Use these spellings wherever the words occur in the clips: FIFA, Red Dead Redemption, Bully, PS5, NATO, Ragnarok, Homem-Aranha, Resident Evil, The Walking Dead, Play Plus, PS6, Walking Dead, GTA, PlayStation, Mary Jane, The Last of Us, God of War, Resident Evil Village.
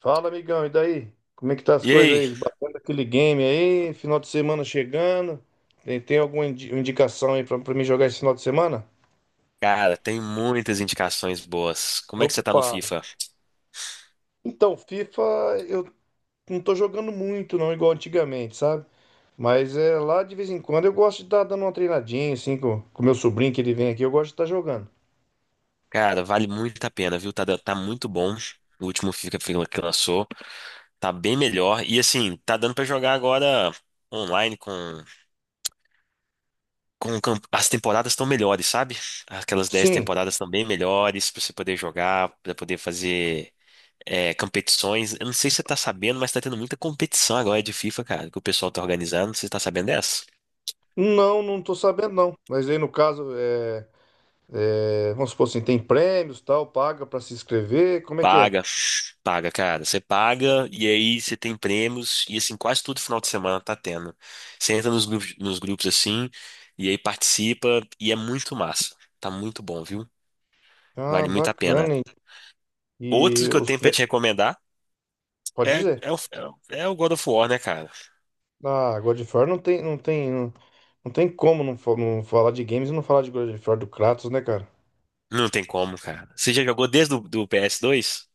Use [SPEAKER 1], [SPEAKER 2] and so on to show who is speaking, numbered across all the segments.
[SPEAKER 1] Fala, amigão, e daí? Como é que tá as
[SPEAKER 2] E
[SPEAKER 1] coisas
[SPEAKER 2] aí?
[SPEAKER 1] aí? Bacana aquele game aí, final de semana chegando. Tem alguma indicação aí pra mim jogar esse final de semana?
[SPEAKER 2] Cara, tem muitas indicações boas. Como é que você tá no
[SPEAKER 1] Opa!
[SPEAKER 2] FIFA?
[SPEAKER 1] Então, FIFA eu não tô jogando muito, não, igual antigamente, sabe? Mas é lá de vez em quando eu gosto de estar dando uma treinadinha, assim, com o meu sobrinho que ele vem aqui, eu gosto de estar jogando.
[SPEAKER 2] Cara, vale muito a pena, viu? Tá muito bom. O último FIFA que lançou tá bem melhor. E assim, tá dando pra jogar agora online as temporadas estão melhores, sabe? Aquelas 10
[SPEAKER 1] Sim,
[SPEAKER 2] temporadas estão bem melhores pra você poder jogar, pra poder fazer competições. Eu não sei se você tá sabendo, mas tá tendo muita competição agora de FIFA, cara, que o pessoal tá organizando. Você tá sabendo dessa?
[SPEAKER 1] não, não tô sabendo não. Mas aí no caso, vamos supor assim, tem prêmios, tal, paga pra se inscrever, como é que é?
[SPEAKER 2] Paga, paga, cara. Você paga e aí você tem prêmios e assim, quase todo final de semana tá tendo. Você entra nos grupos assim e aí participa e é muito massa. Tá muito bom, viu?
[SPEAKER 1] Ah,
[SPEAKER 2] Vale muito a pena.
[SPEAKER 1] bacana. E
[SPEAKER 2] Outro que eu
[SPEAKER 1] os
[SPEAKER 2] tenho pra
[SPEAKER 1] pre...
[SPEAKER 2] te recomendar
[SPEAKER 1] Pode
[SPEAKER 2] é,
[SPEAKER 1] dizer.
[SPEAKER 2] é, o, é o God of War, né, cara?
[SPEAKER 1] Ah, God of War não tem, não, não tem como não, não falar de games e não falar de God of War do Kratos, né, cara?
[SPEAKER 2] Não tem como, cara. Você já jogou desde o do ps dois?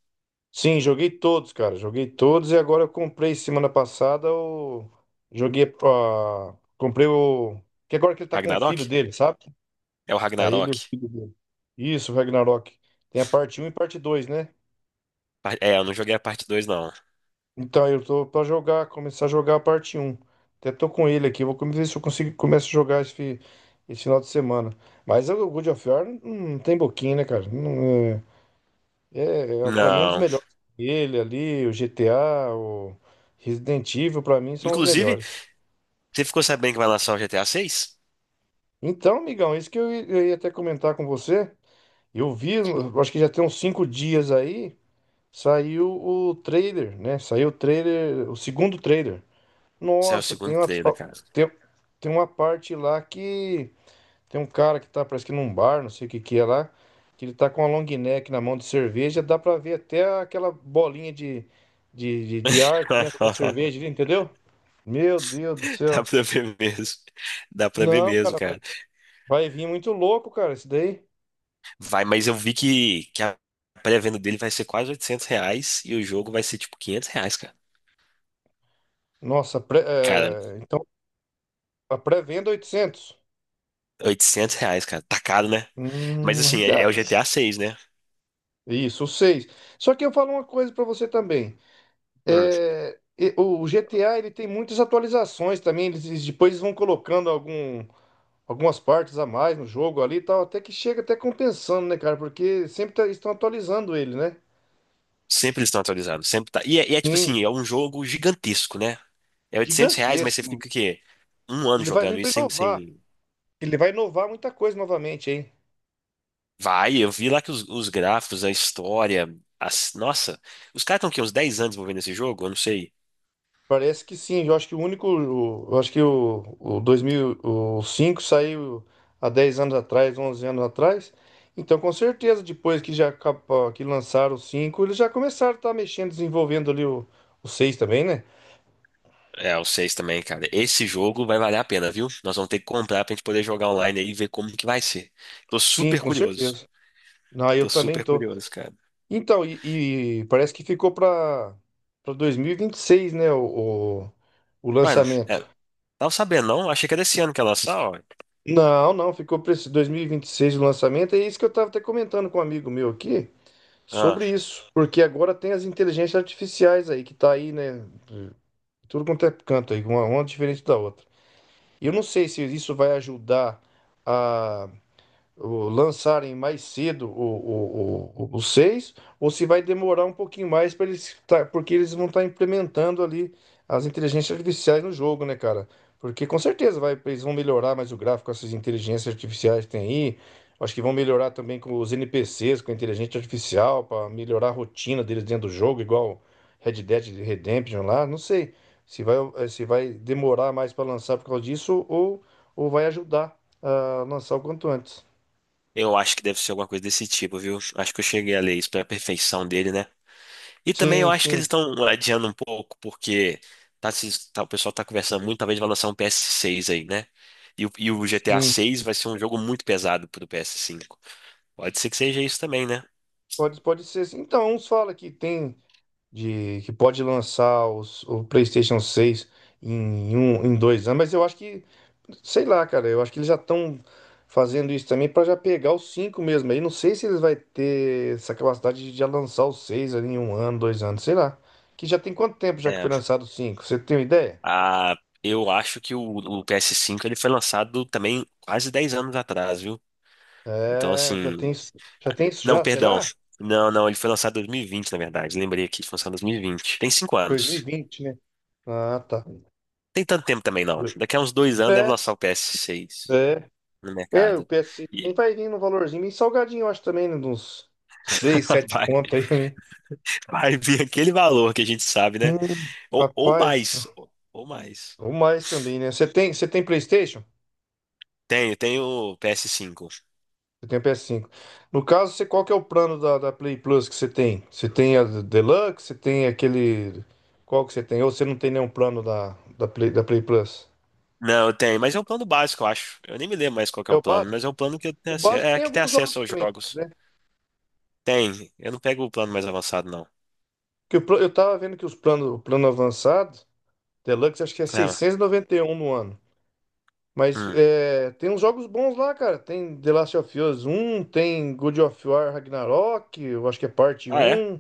[SPEAKER 1] Sim, joguei todos, cara. Joguei todos e agora eu comprei semana passada o. Joguei a. Comprei o. Que agora que ele tá com o filho
[SPEAKER 2] Ragnarok?
[SPEAKER 1] dele, sabe?
[SPEAKER 2] É o
[SPEAKER 1] Tá ele e o
[SPEAKER 2] Ragnarok.
[SPEAKER 1] filho dele. Isso, Ragnarok. Tem a parte um e parte dois, né?
[SPEAKER 2] É, eu não joguei a parte 2, não.
[SPEAKER 1] Então, eu tô pra jogar, começar a jogar a parte um. Até tô com ele aqui, vou ver se eu consigo começo a jogar esse final de semana. Mas o God of War não tem boquinha, né, cara? Não, é, pra mim, é um dos
[SPEAKER 2] Não.
[SPEAKER 1] melhores. Ele ali, o GTA, o Resident Evil, pra mim, são os
[SPEAKER 2] Inclusive,
[SPEAKER 1] melhores.
[SPEAKER 2] você ficou sabendo que vai lançar o GTA seis?
[SPEAKER 1] Então, amigão, isso que eu ia até comentar com você. Eu vi, eu acho que já tem uns 5 dias aí, saiu o trailer, né? Saiu o trailer, o segundo trailer.
[SPEAKER 2] Saiu o
[SPEAKER 1] Nossa,
[SPEAKER 2] segundo trailer, cara.
[SPEAKER 1] tem, tem uma parte lá que tem um cara que tá, parece que num bar, não sei o que que é lá, que ele tá com uma long neck na mão de cerveja, dá pra ver até aquela bolinha de ar dentro da
[SPEAKER 2] Dá
[SPEAKER 1] cerveja ali, entendeu? Meu Deus do céu.
[SPEAKER 2] pra ver mesmo. Dá pra ver
[SPEAKER 1] Não,
[SPEAKER 2] mesmo,
[SPEAKER 1] cara, vai,
[SPEAKER 2] cara.
[SPEAKER 1] vai vir muito louco, cara, isso daí.
[SPEAKER 2] Vai, mas eu vi que a pré-venda dele vai ser quase 800 reais e o jogo vai ser tipo 500 reais, cara.
[SPEAKER 1] Nossa,
[SPEAKER 2] Cara,
[SPEAKER 1] então a pré-venda 800.
[SPEAKER 2] oitocentos reais, cara. Tá caro, né? Mas
[SPEAKER 1] Hum,
[SPEAKER 2] assim, é,
[SPEAKER 1] já-
[SPEAKER 2] é o GTA 6, né?
[SPEAKER 1] isso, 6. Só que eu falo uma coisa pra você também.
[SPEAKER 2] Hum.
[SPEAKER 1] O GTA ele tem muitas atualizações também. Eles depois vão colocando algumas partes a mais no jogo ali e tal, até que chega até compensando, né, cara? Porque sempre estão atualizando ele, né?
[SPEAKER 2] Sempre eles estão atualizando, sempre tá. Tipo
[SPEAKER 1] Sim,
[SPEAKER 2] assim, é um jogo gigantesco, né? É 800 reais, mas você
[SPEAKER 1] gigantesco.
[SPEAKER 2] fica o quê? Um ano
[SPEAKER 1] Ele vai vir
[SPEAKER 2] jogando
[SPEAKER 1] para
[SPEAKER 2] isso sem,
[SPEAKER 1] inovar.
[SPEAKER 2] sem...
[SPEAKER 1] Ele vai inovar muita coisa novamente, hein?
[SPEAKER 2] Vai, eu vi lá que os gráficos, Nossa, os caras estão aqui uns 10 anos desenvolvendo esse jogo, eu não sei.
[SPEAKER 1] Parece que sim. Eu acho que o 2005 saiu há 10 anos atrás, 11 anos atrás. Então, com certeza, depois que já que lançaram o 5, eles já começaram a estar mexendo, desenvolvendo ali o 6 também, né?
[SPEAKER 2] É, o seis também, cara. Esse jogo vai valer a pena, viu? Nós vamos ter que comprar pra gente poder jogar online aí e ver como que vai ser. Tô
[SPEAKER 1] Sim,
[SPEAKER 2] super
[SPEAKER 1] com
[SPEAKER 2] curioso.
[SPEAKER 1] certeza. Não, eu
[SPEAKER 2] Tô
[SPEAKER 1] também
[SPEAKER 2] super
[SPEAKER 1] tô.
[SPEAKER 2] curioso, cara.
[SPEAKER 1] Então, e parece que ficou para dois mil e vinte e seis, né? O
[SPEAKER 2] Mano, é,
[SPEAKER 1] lançamento.
[SPEAKER 2] tava sabendo, não? Achei que era esse ano que ia lançar, ó.
[SPEAKER 1] Não, não, ficou para esse dois mil e vinte e seis o lançamento. É isso que eu tava até comentando com um amigo meu aqui. Sobre
[SPEAKER 2] Ah,
[SPEAKER 1] isso, porque agora tem as inteligências artificiais aí, que tá aí, né? Tudo quanto é canto aí, uma diferente da outra. Eu não
[SPEAKER 2] é.
[SPEAKER 1] sei se isso vai ajudar a lançarem mais cedo o 6 ou se vai demorar um pouquinho mais para eles tá, porque eles vão estar implementando ali as inteligências artificiais no jogo, né, cara? Porque com certeza vai, eles vão melhorar mais o gráfico, essas inteligências artificiais que tem aí. Acho que vão melhorar também com os NPCs, com a inteligência artificial, para melhorar a rotina deles dentro do jogo, igual Red Dead Redemption lá. Não sei se vai demorar mais para lançar por causa disso ou vai ajudar a lançar o quanto antes.
[SPEAKER 2] Eu acho que deve ser alguma coisa desse tipo, viu? Acho que eu cheguei a ler isso pra perfeição dele, né? E também eu
[SPEAKER 1] Sim,
[SPEAKER 2] acho que eles
[SPEAKER 1] sim,
[SPEAKER 2] estão adiando um pouco, porque o pessoal tá conversando muito, talvez vai lançar um PS6 aí, né? E o GTA
[SPEAKER 1] sim.
[SPEAKER 2] 6 vai ser um jogo muito pesado pro PS5. Pode ser que seja isso também, né?
[SPEAKER 1] Pode ser. Sim. Então, uns falam que tem de que pode lançar o PlayStation 6 em em 2 anos, mas eu acho que, sei lá, cara, eu acho que eles já estão fazendo isso também para já pegar os cinco mesmo. Aí não sei se eles vai ter essa capacidade de já lançar os seis ali em um ano, dois anos, sei lá. Que já tem quanto tempo já que
[SPEAKER 2] É,
[SPEAKER 1] foi lançado os cinco? Você tem uma ideia?
[SPEAKER 2] a, eu acho que o PS5 ele foi lançado também quase 10 anos atrás, viu? Então,
[SPEAKER 1] É, já tem,
[SPEAKER 2] assim.
[SPEAKER 1] já tem isso
[SPEAKER 2] Não,
[SPEAKER 1] já,
[SPEAKER 2] perdão.
[SPEAKER 1] será?
[SPEAKER 2] Não, não, ele foi lançado em 2020, na verdade. Lembrei aqui, foi lançado em 2020. Tem 5
[SPEAKER 1] Dois mil e
[SPEAKER 2] anos.
[SPEAKER 1] vinte, né? Ah, tá.
[SPEAKER 2] Tem tanto tempo também, não. Daqui a uns dois anos deve
[SPEAKER 1] É,
[SPEAKER 2] lançar o PS6
[SPEAKER 1] é.
[SPEAKER 2] no
[SPEAKER 1] É, o
[SPEAKER 2] mercado.
[SPEAKER 1] PS nem vai vir no valorzinho, bem salgadinho, eu acho também, né? De uns 6, 7
[SPEAKER 2] Vai,
[SPEAKER 1] conto aí também.
[SPEAKER 2] vai vir aquele valor que a gente sabe, né?
[SPEAKER 1] Hum,
[SPEAKER 2] Ou, ou
[SPEAKER 1] rapaz,
[SPEAKER 2] mais, ou, ou mais.
[SPEAKER 1] ou mais também, né? Você tem PlayStation?
[SPEAKER 2] Tenho ps cinco.
[SPEAKER 1] Você tem o PS5. No caso, você, qual que é o plano da Play Plus que você tem? Você tem a Deluxe? Você tem aquele. Qual que você tem? Ou você não tem nenhum plano da Play Plus?
[SPEAKER 2] Não, eu tenho, mas é um plano básico, eu acho. Eu nem me lembro mais qual que é
[SPEAKER 1] É
[SPEAKER 2] o
[SPEAKER 1] o
[SPEAKER 2] plano,
[SPEAKER 1] básico?
[SPEAKER 2] mas é um plano que eu tenho
[SPEAKER 1] O
[SPEAKER 2] acesso,
[SPEAKER 1] básico
[SPEAKER 2] é,
[SPEAKER 1] tem
[SPEAKER 2] que tem
[SPEAKER 1] alguns
[SPEAKER 2] acesso
[SPEAKER 1] jogos
[SPEAKER 2] aos
[SPEAKER 1] também.
[SPEAKER 2] jogos. Tem, eu não pego o plano mais avançado, não.
[SPEAKER 1] Que eu tava vendo que o plano avançado, Deluxe, acho que é
[SPEAKER 2] Ah,
[SPEAKER 1] seiscentos e noventa e um no ano. Mas
[SPEAKER 2] hum.
[SPEAKER 1] é, tem uns jogos bons lá, cara. Tem The Last of Us 1, tem God of War Ragnarok, eu acho que é parte
[SPEAKER 2] Ah, é?
[SPEAKER 1] um.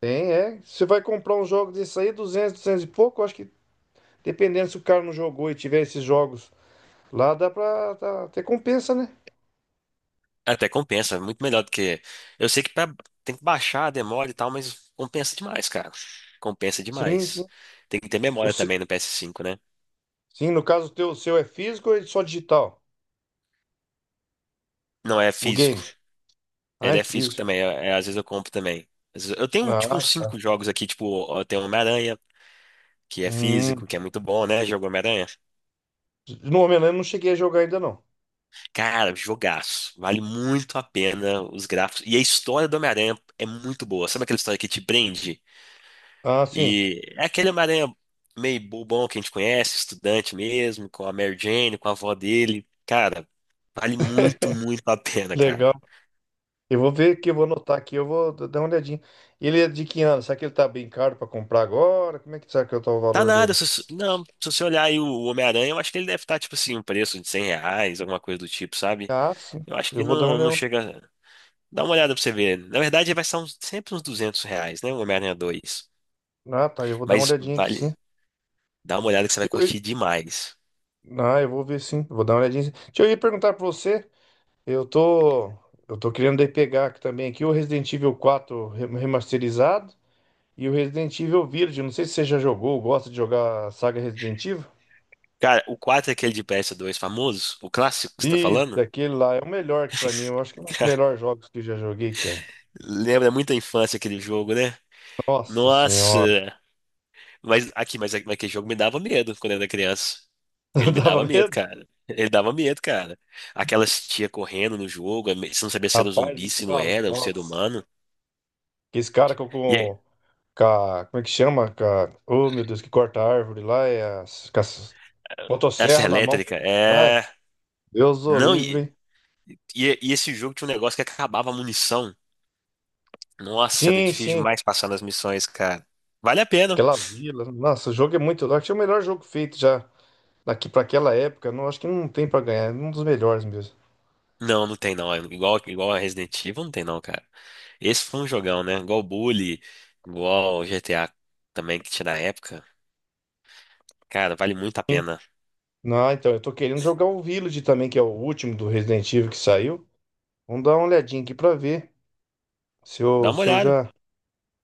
[SPEAKER 1] Tem, é. Você vai comprar um jogo desse aí, 200 e pouco, eu acho que dependendo se o cara não jogou e tiver esses jogos lá, dá pra tá, ter compensa, né?
[SPEAKER 2] É, até compensa, é muito melhor do que. Eu sei que pra- tem que baixar a demora e tal, mas compensa demais, cara. Compensa
[SPEAKER 1] Sim,
[SPEAKER 2] demais.
[SPEAKER 1] sim.
[SPEAKER 2] Tem que ter
[SPEAKER 1] O
[SPEAKER 2] memória
[SPEAKER 1] se-
[SPEAKER 2] também no ps cinco, né?
[SPEAKER 1] Sim, no caso, o seu é físico ou é só digital?
[SPEAKER 2] Não é
[SPEAKER 1] O
[SPEAKER 2] físico.
[SPEAKER 1] game? Ah,
[SPEAKER 2] Ele
[SPEAKER 1] é
[SPEAKER 2] é físico
[SPEAKER 1] físico.
[SPEAKER 2] também, às vezes eu compro também. Às vezes- Eu tenho, tipo, uns
[SPEAKER 1] Ah,
[SPEAKER 2] cinco jogos aqui, tipo, eu tenho Homem-Aranha, que é
[SPEAKER 1] hum.
[SPEAKER 2] físico, que é muito bom, né? Jogo Homem-Aranha.
[SPEAKER 1] No momento eu não cheguei a jogar ainda não.
[SPEAKER 2] Cara, jogaço. Vale muito a pena os gráficos. E a história do Homem-Aranha é muito boa. Sabe aquela história que te prende?
[SPEAKER 1] Ah, sim.
[SPEAKER 2] E é aquele Homem-Aranha meio bobão que a gente conhece, estudante mesmo, com a Mary Jane, com a avó dele. Cara, vale muito, muito a pena, cara.
[SPEAKER 1] Legal. Eu vou ver aqui, eu vou anotar aqui, eu vou dar uma olhadinha. Ele é de que ano? Será que ele tá bem caro pra comprar agora? Como é que será que tá o
[SPEAKER 2] Tá
[SPEAKER 1] valor
[SPEAKER 2] nada,
[SPEAKER 1] dele?
[SPEAKER 2] não, se você olhar aí o Homem-Aranha, eu acho que ele deve estar, tipo assim, um preço de 100 reais, alguma coisa do tipo, sabe?
[SPEAKER 1] Ah, sim.
[SPEAKER 2] Eu acho
[SPEAKER 1] Eu
[SPEAKER 2] que
[SPEAKER 1] vou dar uma
[SPEAKER 2] não
[SPEAKER 1] olhada.
[SPEAKER 2] chega. Dá uma olhada pra você ver. Na verdade, vai ser sempre uns 200 reais, né? O Homem-Aranha dois.
[SPEAKER 1] Ah, tá. Eu vou dar uma
[SPEAKER 2] Mas
[SPEAKER 1] olhadinha aqui,
[SPEAKER 2] vale.
[SPEAKER 1] sim.
[SPEAKER 2] Dá uma olhada que você vai
[SPEAKER 1] Eu- eu-
[SPEAKER 2] curtir demais.
[SPEAKER 1] Ah, eu vou ver, sim. Vou dar uma olhadinha. Sim. Deixa eu ir perguntar pra você. Eu tô. Eu tô querendo daí pegar aqui também aqui o Resident Evil 4 remasterizado e o Resident Evil Village. Não sei se você já jogou, gosta de jogar a saga Resident Evil?
[SPEAKER 2] Cara, o 4 é aquele de ps dois famoso, o clássico que você tá
[SPEAKER 1] Isso,
[SPEAKER 2] falando?
[SPEAKER 1] daquele lá é o melhor que pra mim. Eu acho que é um dos melhores jogos que eu já joguei, cara.
[SPEAKER 2] Lembra muito a infância aquele jogo, né?
[SPEAKER 1] Nossa
[SPEAKER 2] Nossa!
[SPEAKER 1] senhora.
[SPEAKER 2] Mas aquele jogo me dava medo quando eu era criança. Ele me
[SPEAKER 1] Dava
[SPEAKER 2] dava medo,
[SPEAKER 1] medo?
[SPEAKER 2] cara. Ele dava medo, cara. Aquelas tia correndo no jogo, você não sabia se era um
[SPEAKER 1] Rapaz,
[SPEAKER 2] zumbi,
[SPEAKER 1] nem
[SPEAKER 2] se não
[SPEAKER 1] fala.
[SPEAKER 2] era, um ser
[SPEAKER 1] Nossa.
[SPEAKER 2] humano.
[SPEAKER 1] Que esse cara
[SPEAKER 2] E aí,
[SPEAKER 1] Como é que chama? Oh, meu Deus, que corta a árvore lá. É com as
[SPEAKER 2] essa
[SPEAKER 1] motosserra na mão.
[SPEAKER 2] elétrica,
[SPEAKER 1] Vai.
[SPEAKER 2] é.
[SPEAKER 1] Deus o
[SPEAKER 2] Não,
[SPEAKER 1] livre,
[SPEAKER 2] e,
[SPEAKER 1] hein?
[SPEAKER 2] e, e esse jogo tinha um negócio que acabava a munição. Nossa, era
[SPEAKER 1] Sim,
[SPEAKER 2] difícil
[SPEAKER 1] sim.
[SPEAKER 2] demais passar nas missões, cara. Vale a pena.
[SPEAKER 1] Aquela vila. Nossa, o jogo é muito louco. Acho que é o melhor jogo feito já daqui para aquela época. Não, acho que não tem para ganhar. É um dos melhores mesmo.
[SPEAKER 2] Não, não tem não. É igual, igual a Resident Evil, não tem não, cara. Esse foi um jogão, né? Igual o Bully, igual o GTA também que tinha na época. Cara, vale muito a pena.
[SPEAKER 1] Não, então, eu tô querendo jogar o Village também, que é o último do Resident Evil que saiu. Vamos dar uma olhadinha aqui pra ver se
[SPEAKER 2] Dá
[SPEAKER 1] eu,
[SPEAKER 2] uma
[SPEAKER 1] se eu
[SPEAKER 2] olhada
[SPEAKER 1] já.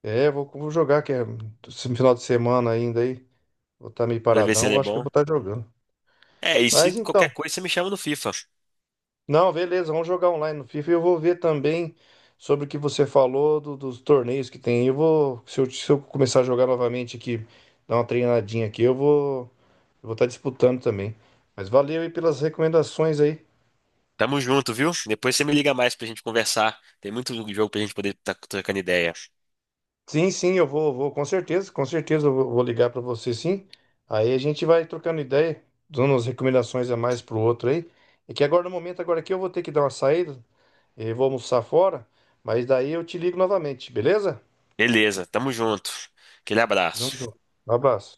[SPEAKER 1] É, vou jogar, que é esse final de semana ainda aí. Vou estar meio
[SPEAKER 2] pra ver se
[SPEAKER 1] paradão,
[SPEAKER 2] ele
[SPEAKER 1] eu
[SPEAKER 2] é
[SPEAKER 1] acho que eu
[SPEAKER 2] bom.
[SPEAKER 1] vou estar jogando.
[SPEAKER 2] É, e se
[SPEAKER 1] Mas
[SPEAKER 2] qualquer
[SPEAKER 1] então,
[SPEAKER 2] coisa você me chama no FIFA.
[SPEAKER 1] não, beleza, vamos jogar online no FIFA. E eu vou ver também sobre o que você falou dos torneios que tem. Eu vou, se eu, se eu começar a jogar novamente aqui, dar uma treinadinha aqui, eu vou estar disputando também. Mas valeu aí pelas recomendações aí.
[SPEAKER 2] Tamo junto, viu? Depois você me liga mais pra gente conversar. Tem muito jogo pra gente poder estar trocando ideia.
[SPEAKER 1] Sim, sim, eu vou, com certeza eu vou ligar para você, sim. Aí a gente vai trocando ideia, dando umas recomendações a mais pro outro aí. É que agora no momento agora aqui eu vou ter que dar uma saída, eu vou almoçar fora, mas daí eu te ligo novamente, beleza?
[SPEAKER 2] Beleza, tamo junto. Aquele
[SPEAKER 1] Vamos
[SPEAKER 2] abraço.
[SPEAKER 1] junto. Um abraço.